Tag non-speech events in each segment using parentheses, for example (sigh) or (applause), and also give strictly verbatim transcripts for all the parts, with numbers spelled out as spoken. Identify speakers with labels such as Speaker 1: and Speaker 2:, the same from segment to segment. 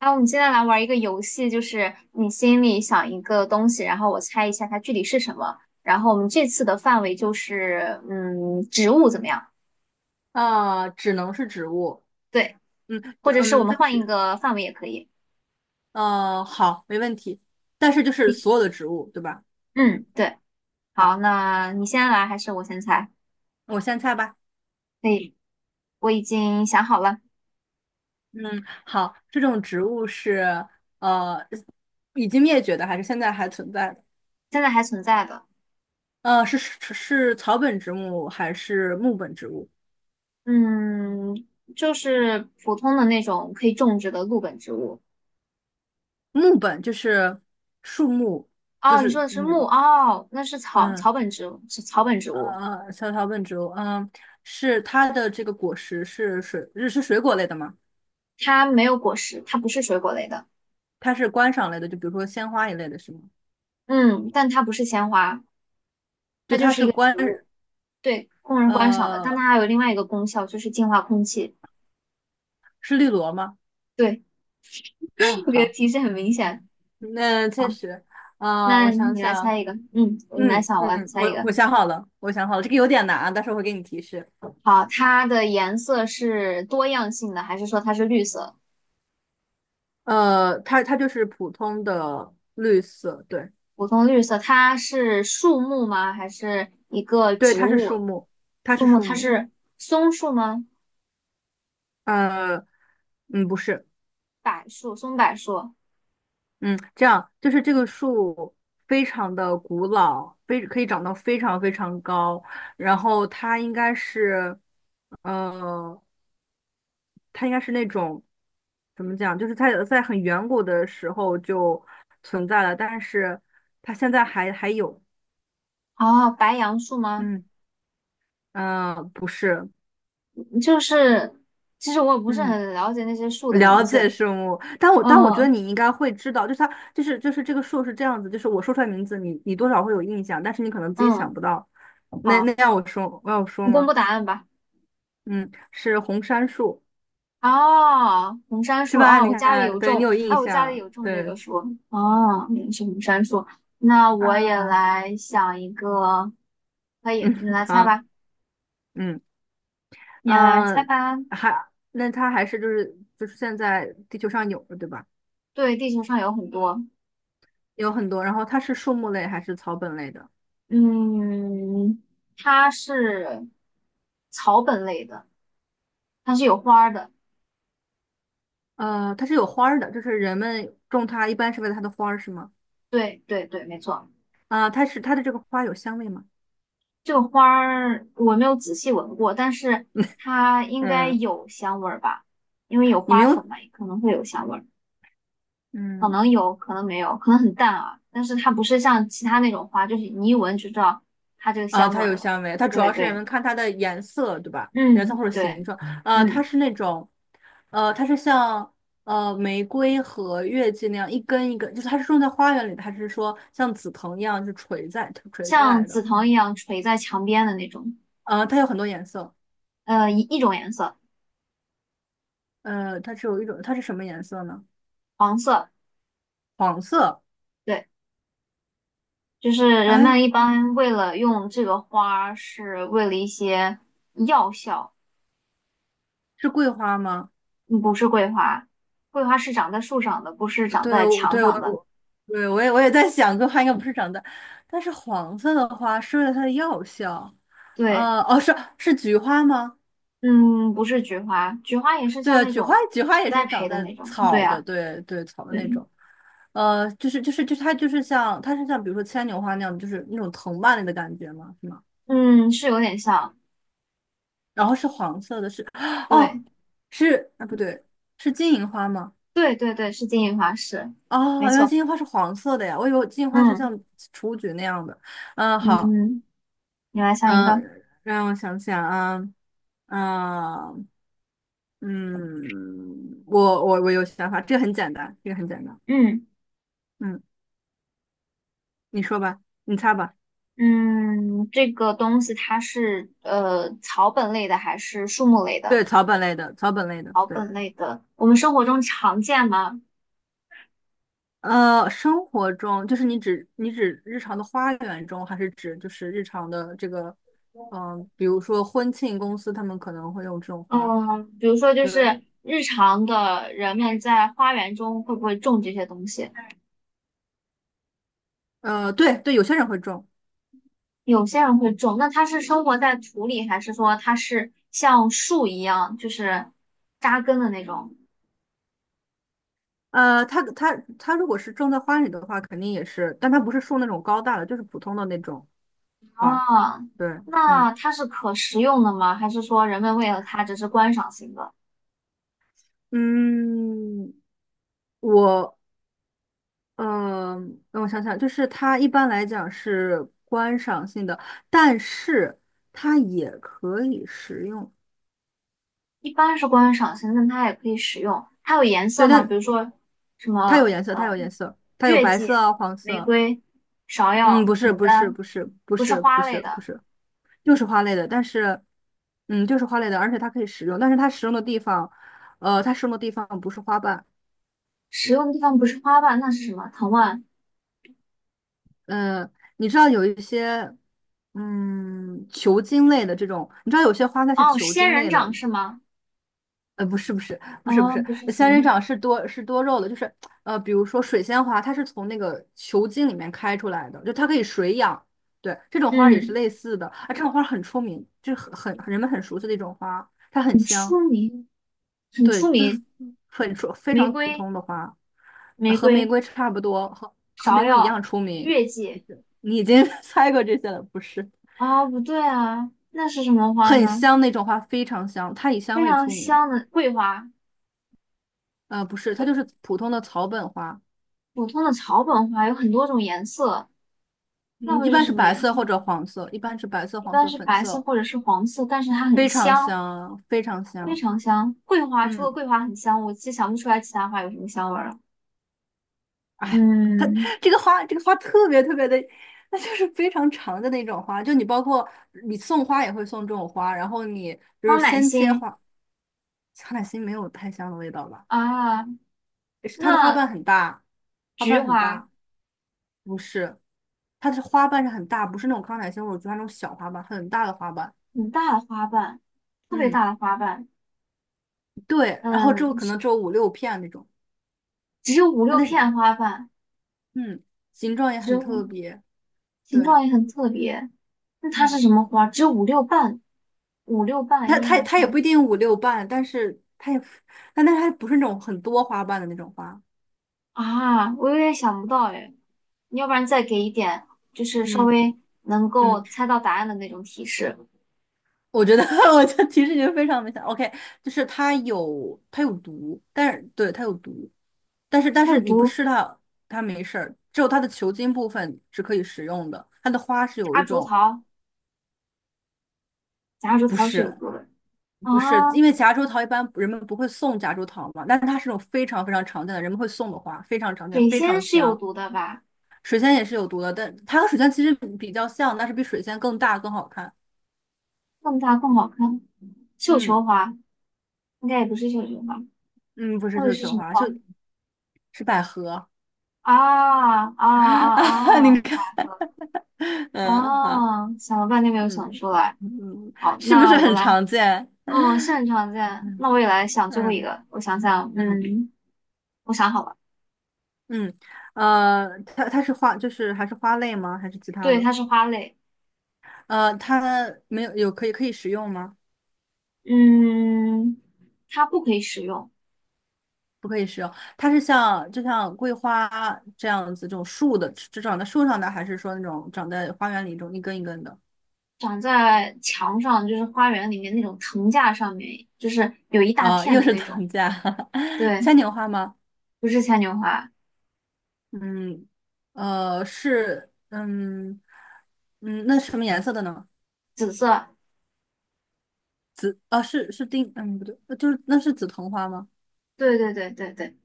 Speaker 1: 那我们现在来玩一个游戏，就是你心里想一个东西，然后我猜一下它具体是什么。然后我们这次的范围就是，嗯，植物怎么样？
Speaker 2: 啊，只能是植物。
Speaker 1: 对，
Speaker 2: 嗯
Speaker 1: 或者是我
Speaker 2: 嗯，
Speaker 1: 们
Speaker 2: 但
Speaker 1: 换一
Speaker 2: 是
Speaker 1: 个范围也可以。
Speaker 2: 呃，好，没问题。但是就是
Speaker 1: 你
Speaker 2: 所有的植物，对吧？
Speaker 1: 嗯，
Speaker 2: 嗯，
Speaker 1: 对。好，
Speaker 2: 好，
Speaker 1: 那你先来还是我先猜？
Speaker 2: 我先猜吧。
Speaker 1: 可以，我已经想好了。
Speaker 2: 嗯，好，这种植物是呃已经灭绝的，还是现在还存在的？
Speaker 1: 现在还存在的。
Speaker 2: 呃，是是是草本植物还是木本植物？
Speaker 1: 嗯，就是普通的那种可以种植的陆本植物。
Speaker 2: 木本就是树木，就
Speaker 1: 哦，你说
Speaker 2: 是
Speaker 1: 的是木，
Speaker 2: 嗯
Speaker 1: 哦，那是草
Speaker 2: 嗯
Speaker 1: 草本植物，是草本植物。
Speaker 2: 呃，小草本植物，嗯，是它的这个果实是水，是水果类的吗？
Speaker 1: 它没有果实，它不是水果类的。
Speaker 2: 它是观赏类的，就比如说鲜花一类的，是吗？
Speaker 1: 嗯，但它不是鲜花，
Speaker 2: 就
Speaker 1: 它就
Speaker 2: 它
Speaker 1: 是一
Speaker 2: 是
Speaker 1: 个
Speaker 2: 观，
Speaker 1: 植物。对，供人观赏的。但
Speaker 2: 呃，
Speaker 1: 它还有另外一个功效，就是净化空气。
Speaker 2: 是绿萝吗？
Speaker 1: 对，
Speaker 2: 啊，
Speaker 1: (laughs) 这个
Speaker 2: 好，
Speaker 1: 提示很明显。
Speaker 2: 那
Speaker 1: 好，
Speaker 2: 确实。啊，
Speaker 1: 那
Speaker 2: 我想
Speaker 1: 你来
Speaker 2: 想。
Speaker 1: 猜一个，嗯，你来
Speaker 2: 嗯
Speaker 1: 想，我来
Speaker 2: 嗯，
Speaker 1: 猜一
Speaker 2: 我
Speaker 1: 个。
Speaker 2: 我想好了，我想好了，这个有点难啊，但是我会给你提示。
Speaker 1: 好，它的颜色是多样性的，还是说它是绿色？
Speaker 2: 呃，它它就是普通的绿色，对。
Speaker 1: 普通绿色，它是树木吗？还是一个
Speaker 2: 对，
Speaker 1: 植
Speaker 2: 它是树
Speaker 1: 物？
Speaker 2: 木，它
Speaker 1: 树
Speaker 2: 是
Speaker 1: 木，
Speaker 2: 树
Speaker 1: 它
Speaker 2: 木。
Speaker 1: 是松树吗？
Speaker 2: 呃，嗯，不是。
Speaker 1: 柏树、松柏树，
Speaker 2: 嗯，这样就是这个树非常的古老，非可以长到非常非常高，然后它应该是，呃，它应该是那种怎么讲，就是它在很远古的时候就存在了，但是它现在还还有。
Speaker 1: 哦，白杨树吗？
Speaker 2: 嗯嗯、呃不是。
Speaker 1: 就是其实我也不是
Speaker 2: 嗯。
Speaker 1: 很了解那些树的名
Speaker 2: 了解
Speaker 1: 字。
Speaker 2: 生物，但我但我觉得
Speaker 1: 嗯
Speaker 2: 你应该会知道，就是它就是就是这个树是这样子，就是我说出来名字，你你多少会有印象，但是你可能自己想
Speaker 1: 嗯，
Speaker 2: 不到。那
Speaker 1: 好，
Speaker 2: 那要我说，要我
Speaker 1: 你
Speaker 2: 说
Speaker 1: 公
Speaker 2: 吗？
Speaker 1: 布答案吧。
Speaker 2: 嗯，是红杉树。
Speaker 1: 哦，红杉
Speaker 2: 是
Speaker 1: 树
Speaker 2: 吧？
Speaker 1: 啊，
Speaker 2: 你
Speaker 1: 我家里
Speaker 2: 看，
Speaker 1: 有
Speaker 2: 对你
Speaker 1: 种，
Speaker 2: 有
Speaker 1: 哎，
Speaker 2: 印
Speaker 1: 我家里
Speaker 2: 象。
Speaker 1: 有种这
Speaker 2: 对
Speaker 1: 个树。哦，原来是红杉树。那我也
Speaker 2: 啊，
Speaker 1: 来想一个，可以，你
Speaker 2: 嗯，
Speaker 1: 来猜
Speaker 2: 好。
Speaker 1: 吧，
Speaker 2: 嗯
Speaker 1: 你来猜
Speaker 2: 嗯，
Speaker 1: 吧。
Speaker 2: 还那它还是就是就是现在地球上有的对吧？
Speaker 1: 对，地球上有很多。
Speaker 2: 有很多，然后它是树木类还是草本类的？
Speaker 1: 嗯，它是草本类的，它是有花儿的。
Speaker 2: 呃，它是有花儿的，就是人们种它一般是为了它的花儿是吗？
Speaker 1: 对对对，没错。
Speaker 2: 啊，它是它的这个花有香味吗？
Speaker 1: 这个花儿我没有仔细闻过，但是它应该
Speaker 2: 嗯，
Speaker 1: 有香味儿吧，因为有
Speaker 2: 你没
Speaker 1: 花粉
Speaker 2: 有，
Speaker 1: 嘛，可能会有香味儿，可能
Speaker 2: 嗯，
Speaker 1: 有，可能没有，可能很淡啊。但是它不是像其他那种花，就是你一闻就知道它这个
Speaker 2: 啊，
Speaker 1: 香味
Speaker 2: 它
Speaker 1: 儿
Speaker 2: 有
Speaker 1: 了。
Speaker 2: 香味，它主
Speaker 1: 对
Speaker 2: 要是人
Speaker 1: 对，
Speaker 2: 们看它的颜色，对吧？颜色
Speaker 1: 嗯，
Speaker 2: 或者形
Speaker 1: 对，
Speaker 2: 状。啊，它
Speaker 1: 嗯，
Speaker 2: 是那种，呃，它是像呃玫瑰和月季那样一根一根，就是它是种在花园里的，还是说像紫藤一样就垂在垂下
Speaker 1: 像
Speaker 2: 来
Speaker 1: 紫
Speaker 2: 的？
Speaker 1: 藤一样垂在墙边的那种，
Speaker 2: 啊，它有很多颜色。
Speaker 1: 呃，一一种颜色。
Speaker 2: 呃，它只有一种，它是什么颜色呢？黄色。
Speaker 1: 对，就是人
Speaker 2: 哎，
Speaker 1: 们一般为了用这个花儿，是为了一些药效。
Speaker 2: 是桂花吗？
Speaker 1: 嗯，不是桂花，桂花是长在树上的，不是长
Speaker 2: 对，
Speaker 1: 在
Speaker 2: 我
Speaker 1: 墙
Speaker 2: 对我
Speaker 1: 上的。
Speaker 2: 我对我也我也在想，桂花应该不是长在，但是黄色的花是为了它的药效。
Speaker 1: 对，
Speaker 2: 呃，哦，是是菊花吗？
Speaker 1: 嗯，不是菊花，菊花也是
Speaker 2: 对
Speaker 1: 像
Speaker 2: 啊，
Speaker 1: 那
Speaker 2: 菊花
Speaker 1: 种
Speaker 2: 菊花也
Speaker 1: 栽
Speaker 2: 是长
Speaker 1: 培的
Speaker 2: 在
Speaker 1: 那种。对
Speaker 2: 草的，
Speaker 1: 啊，
Speaker 2: 对对，草的那
Speaker 1: 对，
Speaker 2: 种。呃，就是就是就是它就是像它是像比如说牵牛花那样，就是那种藤蔓类的感觉吗？是吗？
Speaker 1: 嗯，是有点像。
Speaker 2: 然后是黄色的是，(sucks teeth) 哦，
Speaker 1: 对，
Speaker 2: 是啊不对，是金银花吗？
Speaker 1: 对对对，是金银花，是，
Speaker 2: 哦，
Speaker 1: 没
Speaker 2: 原来
Speaker 1: 错。
Speaker 2: 金银花是黄色的呀，我以为金银花是
Speaker 1: 嗯
Speaker 2: 像雏菊那样的。嗯，好。
Speaker 1: 嗯，你来想一
Speaker 2: 嗯，
Speaker 1: 个。
Speaker 2: 呃让我想想啊。啊，嗯，我我我有想法，这个很简单，这个很简单。
Speaker 1: 嗯
Speaker 2: 嗯，你说吧，你猜吧。
Speaker 1: 嗯，这个东西它是呃草本类的还是树木类的？
Speaker 2: 对，草本类的，草本类的，
Speaker 1: 草
Speaker 2: 对。
Speaker 1: 本，我们生活中常见吗？
Speaker 2: 呃，生活中就是你指你指日常的花园中，还是指就是日常的这个，嗯、比如说婚庆公司他们可能会用这种花，
Speaker 1: 嗯，比如说就
Speaker 2: 对。
Speaker 1: 是日常的人们在花园中会不会种这些东西？
Speaker 2: 呃，对对，有些人会种。
Speaker 1: 有些人会种，那它是生活在土里，还是说它是像树一样，就是扎根的那种？
Speaker 2: 呃，它它它如果是种在花里的话，肯定也是，但它不是树那种高大的，就是普通的那种，吧？
Speaker 1: 啊，
Speaker 2: 对。嗯
Speaker 1: 那它是可食用的吗？还是说人们为了它只是观赏性的？
Speaker 2: 嗯，我呃，让我想想，就是它一般来讲是观赏性的，但是它也可以食用。
Speaker 1: 一般是观赏性，但它也可以食用。它有颜
Speaker 2: 对，
Speaker 1: 色吗？比
Speaker 2: 但
Speaker 1: 如说什
Speaker 2: 它有
Speaker 1: 么
Speaker 2: 颜色，它
Speaker 1: 呃，
Speaker 2: 有颜色，它有
Speaker 1: 月
Speaker 2: 白
Speaker 1: 季、
Speaker 2: 色啊，黄
Speaker 1: 玫
Speaker 2: 色。
Speaker 1: 瑰、芍
Speaker 2: 嗯，
Speaker 1: 药、
Speaker 2: 不是，
Speaker 1: 牡
Speaker 2: 不是，
Speaker 1: 丹，
Speaker 2: 不是，不
Speaker 1: 不是
Speaker 2: 是，不
Speaker 1: 花类
Speaker 2: 是，不
Speaker 1: 的。
Speaker 2: 是，就是花类的，但是，嗯，就是花类的，而且它可以食用，但是它食用的地方，呃，它食用的地方不是花瓣。
Speaker 1: 使用的地方不是花瓣，那是什么？藤蔓？
Speaker 2: 嗯，你知道有一些，嗯，球茎类的这种，你知道有些花它是
Speaker 1: 哦，
Speaker 2: 球
Speaker 1: 仙
Speaker 2: 茎
Speaker 1: 人
Speaker 2: 类的。
Speaker 1: 掌是吗？
Speaker 2: 呃，不是不是不是不
Speaker 1: 哦，
Speaker 2: 是，
Speaker 1: 不是仙
Speaker 2: 仙
Speaker 1: 人
Speaker 2: 人
Speaker 1: 掌。
Speaker 2: 掌是多是多肉的，就是呃，比如说水仙花，它是从那个球茎里面开出来的，就它可以水养。对，这种花儿也是
Speaker 1: 嗯，
Speaker 2: 类似的，啊，这种花儿很出名，就是很很人们很熟悉的一种花，它很
Speaker 1: 很
Speaker 2: 香。
Speaker 1: 出名，很
Speaker 2: 对，
Speaker 1: 出
Speaker 2: 就是
Speaker 1: 名。
Speaker 2: 很出非
Speaker 1: 玫
Speaker 2: 常普
Speaker 1: 瑰，
Speaker 2: 通的花。呃
Speaker 1: 玫
Speaker 2: 和玫
Speaker 1: 瑰，
Speaker 2: 瑰差不多，和和
Speaker 1: 芍
Speaker 2: 玫瑰一
Speaker 1: 药，
Speaker 2: 样出名。
Speaker 1: 月
Speaker 2: 不
Speaker 1: 季。
Speaker 2: 是，你已经 (laughs) 猜过这些了，不是？
Speaker 1: 啊，不对啊，那是什么花
Speaker 2: 很
Speaker 1: 呢？
Speaker 2: 香那种花，非常香，它以香
Speaker 1: 非
Speaker 2: 味
Speaker 1: 常
Speaker 2: 出名。
Speaker 1: 香的桂花，
Speaker 2: 呃，不是，它
Speaker 1: 桂
Speaker 2: 就是普通的草本花。
Speaker 1: 普通的草本花有很多种颜色，那
Speaker 2: 嗯，
Speaker 1: 会
Speaker 2: 一
Speaker 1: 是
Speaker 2: 般是
Speaker 1: 什么
Speaker 2: 白
Speaker 1: 颜
Speaker 2: 色
Speaker 1: 色？
Speaker 2: 或者黄色，一般是白色、
Speaker 1: 一
Speaker 2: 黄
Speaker 1: 般
Speaker 2: 色、
Speaker 1: 是
Speaker 2: 粉
Speaker 1: 白色
Speaker 2: 色，
Speaker 1: 或者是黄色，但是它很
Speaker 2: 非常
Speaker 1: 香，
Speaker 2: 香，非常
Speaker 1: 非
Speaker 2: 香。
Speaker 1: 常香。桂花除了
Speaker 2: 嗯。
Speaker 1: 桂花很香，我其实想不出来其他花有什么香味儿了。
Speaker 2: 哎，它
Speaker 1: 嗯。
Speaker 2: 这个花，这个花特别特别的，那就是非常长的那种花。就你包括你送花也会送这种花，然后你就是
Speaker 1: 康乃
Speaker 2: 先切
Speaker 1: 馨
Speaker 2: 花。康乃馨没有太香的味道吧？
Speaker 1: 啊，
Speaker 2: 是它的花
Speaker 1: 那
Speaker 2: 瓣很大，花
Speaker 1: 菊
Speaker 2: 瓣很
Speaker 1: 花
Speaker 2: 大。不是，它的花瓣是很大，不是那种康乃馨，我觉得那种小花瓣，很大的花瓣。
Speaker 1: 很大的花瓣，特别
Speaker 2: 嗯，
Speaker 1: 大的花瓣，
Speaker 2: 对，然后只
Speaker 1: 嗯，
Speaker 2: 有可能只有五六片那种。
Speaker 1: 只有五
Speaker 2: 它
Speaker 1: 六
Speaker 2: 的
Speaker 1: 片花瓣，
Speaker 2: 嗯形状也
Speaker 1: 只
Speaker 2: 很
Speaker 1: 有
Speaker 2: 特别。
Speaker 1: 形
Speaker 2: 对。
Speaker 1: 状也很特别。那它是
Speaker 2: 嗯。
Speaker 1: 什么花？只有五六瓣，五六瓣，
Speaker 2: 它
Speaker 1: 一
Speaker 2: 它
Speaker 1: 二
Speaker 2: 它也
Speaker 1: 三
Speaker 2: 不一定五六瓣，但是它也，但但它不是那种很多花瓣的那种花。
Speaker 1: 啊，我有点想不到哎。你要不然再给一点，就是稍
Speaker 2: 嗯
Speaker 1: 微能够
Speaker 2: 嗯，
Speaker 1: 猜到答案的那种提示。
Speaker 2: 我觉得 (laughs) 我这提示已经非常明显。OK，就是它有它有毒，但是对它有毒，但是但
Speaker 1: 它
Speaker 2: 是
Speaker 1: 有
Speaker 2: 你不
Speaker 1: 毒，
Speaker 2: 吃它，它没事儿。只有它的球茎部分是可以食用的，它的花是有一
Speaker 1: 夹竹
Speaker 2: 种
Speaker 1: 桃，夹竹
Speaker 2: 不
Speaker 1: 桃是有
Speaker 2: 是。
Speaker 1: 毒的啊，
Speaker 2: 不是，因为夹竹桃一般人们不会送夹竹桃嘛，但是它是种非常非常常见的，人们会送的花，非常常见，
Speaker 1: 水
Speaker 2: 非
Speaker 1: 仙
Speaker 2: 常
Speaker 1: 是有
Speaker 2: 香。
Speaker 1: 毒的吧？
Speaker 2: 水仙也是有毒的，但它和水仙其实比较像，但是比水仙更大更好看。
Speaker 1: 更大更好看。绣
Speaker 2: 嗯
Speaker 1: 球花应该也不是绣球花，
Speaker 2: 嗯，不是
Speaker 1: 那个
Speaker 2: 绣
Speaker 1: 是
Speaker 2: 球
Speaker 1: 什么
Speaker 2: 花，就
Speaker 1: 花？
Speaker 2: 是百合
Speaker 1: 啊啊
Speaker 2: (laughs) 啊。
Speaker 1: 啊
Speaker 2: 你
Speaker 1: 啊！
Speaker 2: 看，
Speaker 1: 百合
Speaker 2: 嗯，好。
Speaker 1: 啊！想了半天没有想
Speaker 2: 嗯
Speaker 1: 出来。
Speaker 2: 嗯，
Speaker 1: 好，
Speaker 2: 是不
Speaker 1: 那
Speaker 2: 是
Speaker 1: 我
Speaker 2: 很
Speaker 1: 来，
Speaker 2: 常见？
Speaker 1: 嗯，是很常见。
Speaker 2: 嗯
Speaker 1: 那我也来想最后一
Speaker 2: 嗯
Speaker 1: 个，我想想，
Speaker 2: 嗯，
Speaker 1: 嗯，我想好了，
Speaker 2: 嗯，呃，它它是花，就是还是花类吗？还是其他
Speaker 1: 对，
Speaker 2: 的？
Speaker 1: 它是花类。
Speaker 2: 呃，它没有有可以可以食用吗？
Speaker 1: 嗯，它不可以使用，
Speaker 2: 不可以食用，它是像就像桂花这样子，这种树的，只长在树上的，还是说那种长在花园里一种一根一根的？
Speaker 1: 长在墙上，就是花园里面那种藤架上面，就是有一大
Speaker 2: 啊，
Speaker 1: 片
Speaker 2: 又
Speaker 1: 的
Speaker 2: 是
Speaker 1: 那种。
Speaker 2: 藤架，(laughs)
Speaker 1: 对，
Speaker 2: 牵牛花吗？
Speaker 1: 不是牵牛花，
Speaker 2: 嗯，呃，是，嗯，嗯，那是什么颜色的呢？
Speaker 1: 紫色。
Speaker 2: 啊，是是丁，嗯，不对，呃就是那是紫藤花吗？
Speaker 1: 对对对对对，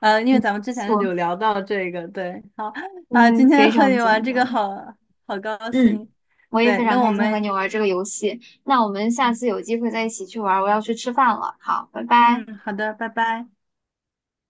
Speaker 2: 呃，因为咱们之前
Speaker 1: 错。
Speaker 2: 有聊到这个，对，好啊，
Speaker 1: 嗯，
Speaker 2: 今
Speaker 1: 非
Speaker 2: 天和
Speaker 1: 常
Speaker 2: 你玩
Speaker 1: 简
Speaker 2: 这个
Speaker 1: 单。
Speaker 2: 好好高
Speaker 1: 嗯，
Speaker 2: 兴。
Speaker 1: 我也非
Speaker 2: 对，
Speaker 1: 常
Speaker 2: 那我
Speaker 1: 开心和
Speaker 2: 们，
Speaker 1: 你玩这个游戏。那我们下次有机会再一起去玩，我要去吃饭了。好，拜拜。
Speaker 2: 嗯，好的，拜拜。